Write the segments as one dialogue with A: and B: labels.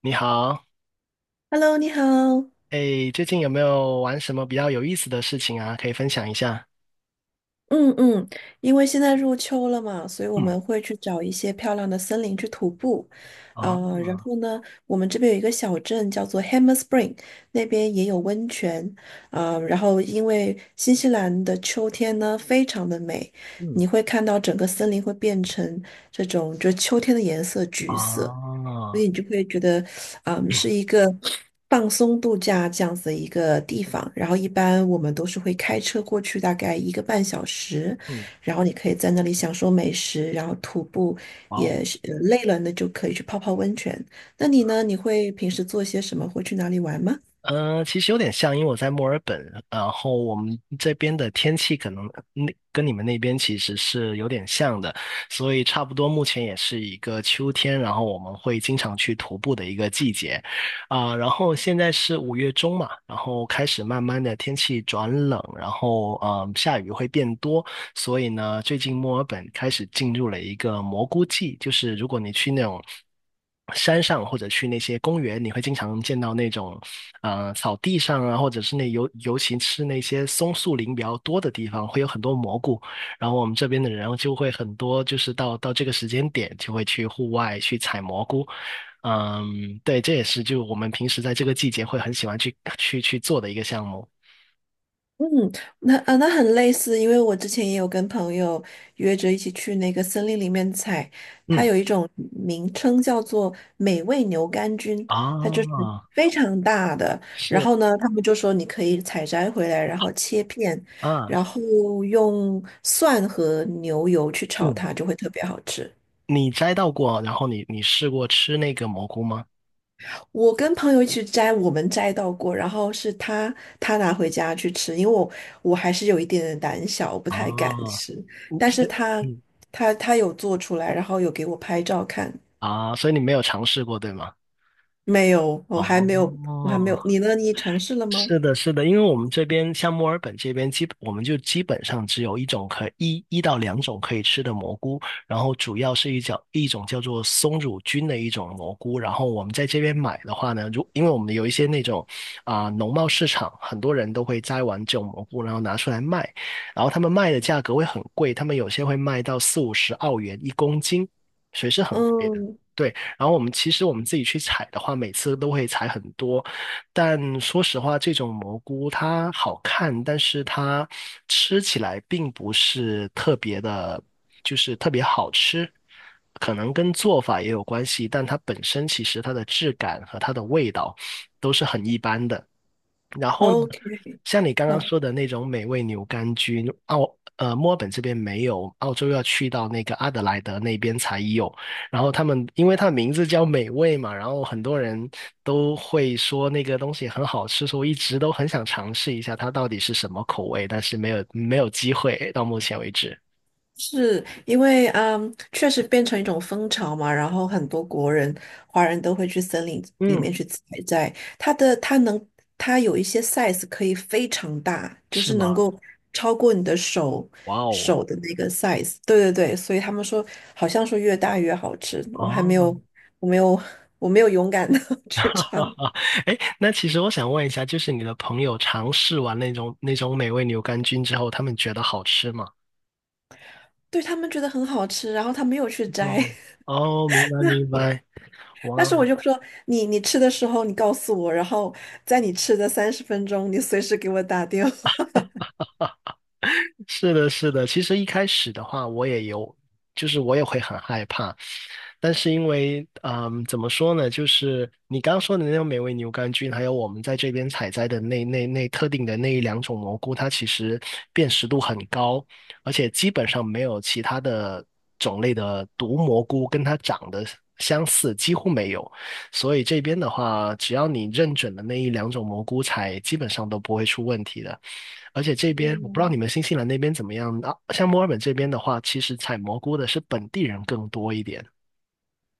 A: 你好。
B: Hello，你好。
A: 哎，最近有没有玩什么比较有意思的事情啊？可以分享一下。
B: 嗯嗯，因为现在入秋了嘛，所以我
A: 嗯。
B: 们会去找一些漂亮的森林去徒步。
A: 哦。
B: 然后呢，我们这边有一个小镇叫做 Hammer Spring，那边也有温泉。然后因为新西兰的秋天呢非常的美，
A: 嗯。
B: 你会看到整个森林会变成这种就秋天的颜色，橘色。所
A: 哦。
B: 以你就会觉得，是一个放松度假这样子的一个地方。然后一般我们都是会开车过去，大概一个半小时，
A: 嗯。
B: 然后你可以在那里享受美食，然后徒步也
A: 哦。
B: 是累了，呢就可以去泡泡温泉。那你呢？你会平时做些什么？会去哪里玩吗？
A: 其实有点像，因为我在墨尔本，然后我们这边的天气可能那跟你们那边其实是有点像的，所以差不多目前也是一个秋天，然后我们会经常去徒步的一个季节。啊、然后现在是五月中嘛，然后开始慢慢的天气转冷，然后下雨会变多。所以呢，最近墨尔本开始进入了一个蘑菇季，就是如果你去那种山上或者去那些公园，你会经常见到那种草地上啊，或者是那尤其是那些松树林比较多的地方，会有很多蘑菇。然后我们这边的人就会很多，就是到这个时间点就会去户外去采蘑菇。嗯，对，这也是就我们平时在这个季节会很喜欢去做的一个项目。
B: 嗯，那啊，那很类似，因为我之前也有跟朋友约着一起去那个森林里面采，它
A: 嗯，
B: 有一种名称叫做美味牛肝菌，
A: 啊，
B: 它就是非常大的，然
A: 是
B: 后呢，他们就说你可以采摘回来，然后切片，
A: 啊，
B: 然后用蒜和牛油去炒
A: 嗯。
B: 它，就会特别好吃。
A: 你摘到过，然后你试过吃那个蘑菇吗？
B: 我跟朋友一起摘，我们摘到过，然后是他拿回家去吃，因为我还是有一点点胆小，我不太敢
A: 哦。
B: 吃，
A: 嗯
B: 但
A: 所
B: 是
A: 以。
B: 他
A: 嗯。
B: 他他有做出来，然后有给我拍照看，
A: 啊，所以你没有尝试过，对吗？
B: 没有，我
A: 哦，
B: 还没有，我还没有，你呢？你尝试了吗？
A: 是的，是的，因为我们这边像墨尔本这边，基本我们就基本上只有一种可一一到两种可以吃的蘑菇，然后主要是一种叫做松乳菌的一种蘑菇，然后我们在这边买的话呢，因为我们有一些那种农贸市场，很多人都会摘完这种蘑菇，然后拿出来卖，然后他们卖的价格会很贵，他们有些会卖到四五十澳元一公斤，所以是很贵的。
B: 嗯
A: 对，我们自己去采的话，每次都会采很多，但说实话，这种蘑菇它好看，但是它吃起来并不是特别的，就是特别好吃。可能跟做法也有关系，但它本身其实它的质感和它的味道都是很一般的。然后呢，
B: ，OK，
A: 像你刚刚
B: 好，
A: 说的那种美味牛肝菌，墨尔本这边没有，澳洲要去到那个阿德莱德那边才有。然后他们，因为它的名字叫美味嘛，然后很多人都会说那个东西很好吃，所以我一直都很想尝试一下它到底是什么口味，但是没有机会，到目前为止。
B: 是因为确实变成一种风潮嘛，然后很多国人、华人都会去森林里
A: 嗯，
B: 面去采摘。它能，它有一些 size 可以非常大，就
A: 是
B: 是能
A: 吗？
B: 够超过你的
A: 哇哦。
B: 手的那个 size。对对对，所以他们说，好像说越大越好吃。我还没
A: 哦。
B: 有，我没有，我没有勇敢的 去尝。
A: 哎，那其实我想问一下，就是你的朋友尝试完那种美味牛肝菌之后，他们觉得好吃吗？
B: 对，他们觉得很好吃，然后他没有去摘。
A: 嗯。哦，明白明白。
B: 但是
A: 哇。
B: 我就说你吃的时候你告诉我，然后在你吃的30分钟，你随时给我打电话。
A: 是的，是的。其实一开始的话，我也有，就是我也会很害怕，但是因为，嗯，怎么说呢？就是你刚说的那种美味牛肝菌，还有我们在这边采摘的那特定的那一两种蘑菇，它其实辨识度很高，而且基本上没有其他的种类的毒蘑菇跟它长得相似，几乎没有。所以这边的话，只要你认准了那一两种蘑菇采，基本上都不会出问题的。而且这边我不知道你
B: 嗯
A: 们新西兰那边怎么样啊？像墨尔本这边的话，其实采蘑菇的是本地人更多一点。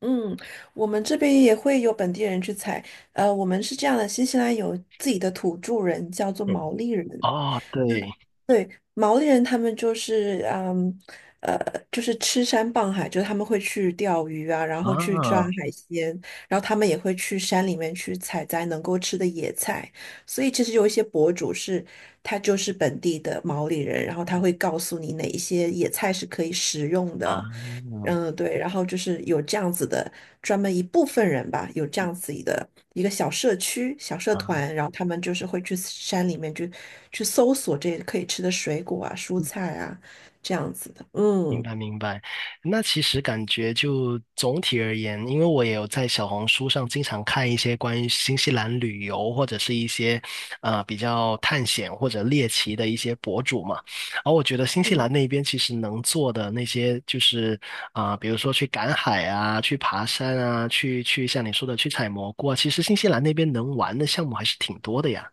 B: 嗯，我们这边也会有本地人去采。我们是这样的，新西兰有自己的土著人，叫做
A: 嗯。
B: 毛利人。
A: 哦，
B: 那
A: 对。
B: 对，毛利人他们就是，呃，就是吃山傍海，就是他们会去钓鱼啊，然后去抓
A: 啊。
B: 海鲜，然后他们也会去山里面去采摘能够吃的野菜。所以其实有一些博主是，他就是本地的毛利人，然后他会告诉你哪一些野菜是可以食用的，
A: 啊。
B: 嗯，对，然后就是有这样子的专门一部分人吧，有这样子的一个小社区、小社
A: 啊！
B: 团，然后他们就是会去山里面去搜索这些可以吃的水果啊、蔬菜啊，这样子的，
A: 明
B: 嗯。
A: 白明白。那其实感觉就总体而言，因为我也有在小红书上经常看一些关于新西兰旅游或者是一些比较探险或者猎奇的一些博主嘛，而我觉得新西兰那边其实能做的那些就是啊、比如说去赶海啊，去爬山啊，去像你说的去采蘑菇啊，其实新西兰那边能玩的项目还是挺多的呀，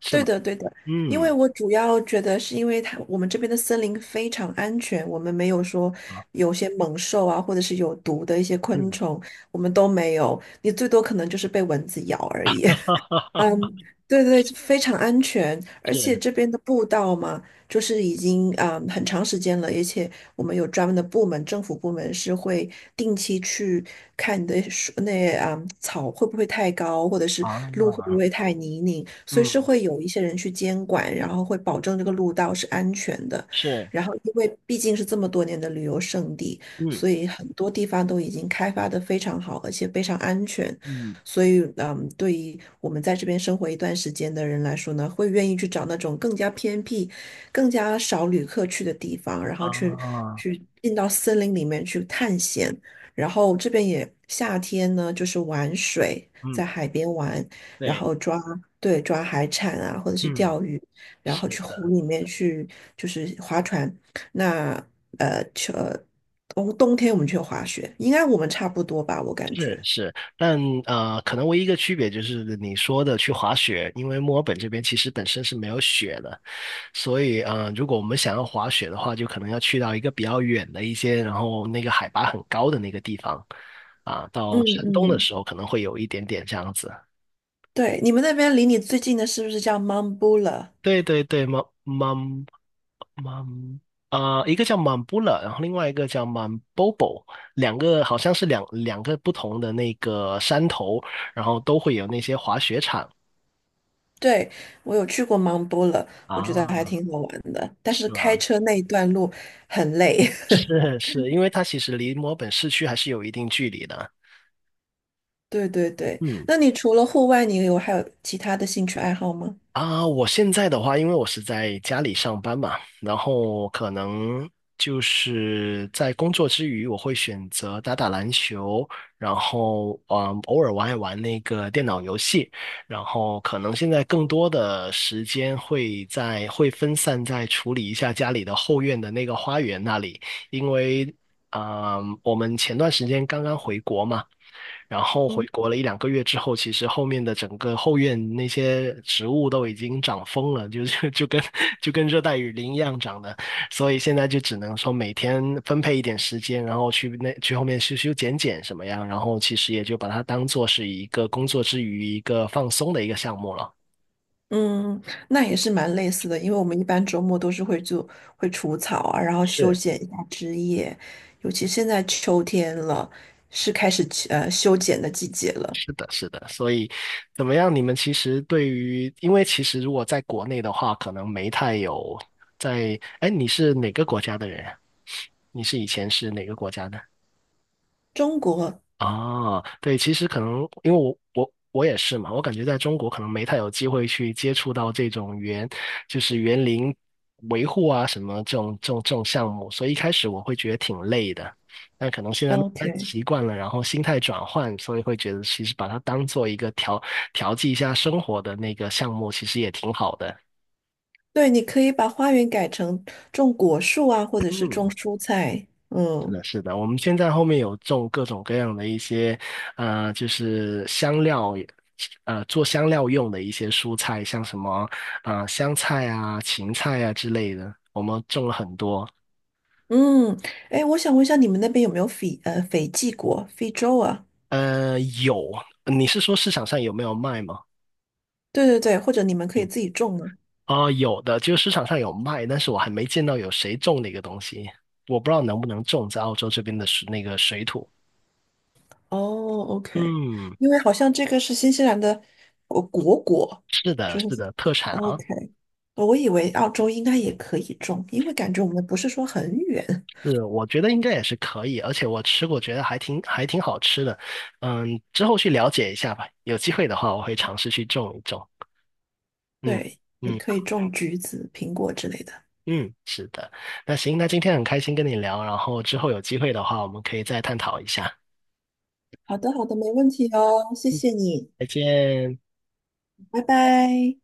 A: 是
B: 对
A: 吗？
B: 的，对的，因为
A: 嗯。
B: 我主要觉得是因为它我们这边的森林非常安全，我们没有说
A: 啊
B: 有些猛兽啊，或者是有毒的一些昆
A: 嗯。
B: 虫，我们都没有，你最多可能就是被蚊子咬而已。嗯，对对，非常安全，而且
A: 是
B: 这边的步道嘛，就是已经很长时间了，而且我们有专门的部门，政府部门是会定期去看你的树草会不会太高，或者是路会不
A: 啊。
B: 会太泥泞，所以是
A: 嗯。
B: 会有一些人去监管，然后会保证这个路道是安全的。
A: 是。
B: 然后，因为毕竟是这么多年的旅游胜地，
A: 嗯。
B: 所以很多地方都已经开发的非常好，而且非常安全。
A: 嗯。
B: 所以，对于我们在这边生活一段时间的人来说呢，会愿意去找那种更加偏僻、更加少旅客去的地方，然后
A: 啊。
B: 去进到森林里面去探险。然后这边也夏天呢，就是玩水，
A: 嗯。
B: 在海边玩，然
A: 对。
B: 后抓，对，抓海产啊，或者是
A: 嗯。
B: 钓鱼，然后
A: 是
B: 去湖
A: 的。
B: 里面去就是划船。那呃，秋呃冬天我们去滑雪，应该我们差不多吧，我感
A: 是
B: 觉。
A: 是，但可能唯一一个区别就是你说的去滑雪，因为墨尔本这边其实本身是没有雪的，所以如果我们想要滑雪的话，就可能要去到一个比较远的一些，然后那个海拔很高的那个地方啊，
B: 嗯
A: 到山东的
B: 嗯。
A: 时候可能会有一点点这样子。
B: 对，你们那边离你最近的是不是叫 Mambula?
A: 对对对，满满满啊，一个叫满布勒，然后另外一个叫满 Bobo，两个好像是两个不同的那个山头，然后都会有那些滑雪场
B: 对，我有去过 Mambula,我觉得还
A: 啊，
B: 挺好玩的，但是
A: 是
B: 开
A: 吗？
B: 车那一段路很累。
A: 是是，因为它其实离墨尔本市区还是有一定距离的。
B: 对对对，
A: 嗯。
B: 那你除了户外，你有还有其他的兴趣爱好吗？
A: 啊，我现在的话，因为我是在家里上班嘛，然后可能就是在工作之余，我会选择打打篮球，然后嗯，偶尔玩一玩那个电脑游戏，然后可能现在更多的时间会会分散在处理一下家里的后院的那个花园那里，因为。嗯，我们前段时间刚刚回国嘛，然后回
B: 嗯，
A: 国了一两个月之后，其实后面的整个后院那些植物都已经长疯了，就是就跟 就跟热带雨林一样长的，所以现在就只能说每天分配一点时间，然后去后面修修剪剪什么样，然后其实也就把它当做是一个工作之余一个放松的一个项目了。
B: 嗯，那也是蛮类似的，因为我们一般周末都是会除草啊，然后修
A: 是。
B: 剪一下枝叶，尤其现在秋天了，是开始修剪的季节了。
A: 是的，是的，所以怎么样？你们其实对于，因为其实如果在国内的话，可能没太有在。哎，你是哪个国家的人啊？你是以前是哪个国家的？
B: 中国
A: 哦，对，其实可能因为我也是嘛，我感觉在中国可能没太有机会去接触到这种园，就是园林维护啊什么这种项目，所以一开始我会觉得挺累的，但可能现在慢慢
B: ，OK。
A: 习惯了，然后心态转换，所以会觉得其实把它当做一个调剂一下生活的那个项目，其实也挺好的。
B: 对，你可以把花园改成种果树啊，或者是种
A: 嗯，
B: 蔬菜。
A: 是
B: 嗯
A: 的，是的，我们现在后面有种各种各样的一些，呃，就是香料也做香料用的一些蔬菜，像什么，啊，香菜啊、芹菜啊之类的，我们种了很多。
B: 嗯，哎，我想问一下，你们那边有没有斐济果、非洲啊？
A: 有，你是说市场上有没有卖吗？
B: 对对对，或者你们可以
A: 嗯，
B: 自己种呢？
A: 哦，有的，就是市场上有卖，但是我还没见到有谁种那个东西，我不知道能不能种在澳洲这边的那个水土。
B: 哦，OK,
A: 嗯，
B: 因为好像这个是新西兰的果，
A: 是的，
B: 就是
A: 是的，特产啊。
B: OK。我以为澳洲应该也可以种，因为感觉我们不是说很远，
A: 是，我觉得应该也是可以，而且我吃过，觉得还挺好吃的。嗯，之后去了解一下吧，有机会的话，我会尝试去种一种。嗯。
B: 对，也
A: 嗯。
B: 可以种橘子、苹果之类的。
A: 嗯，是的。那行，那今天很开心跟你聊，然后之后有机会的话，我们可以再探讨一下。
B: 好的，好的，没问题哦，谢谢你，
A: 再见。
B: 拜拜。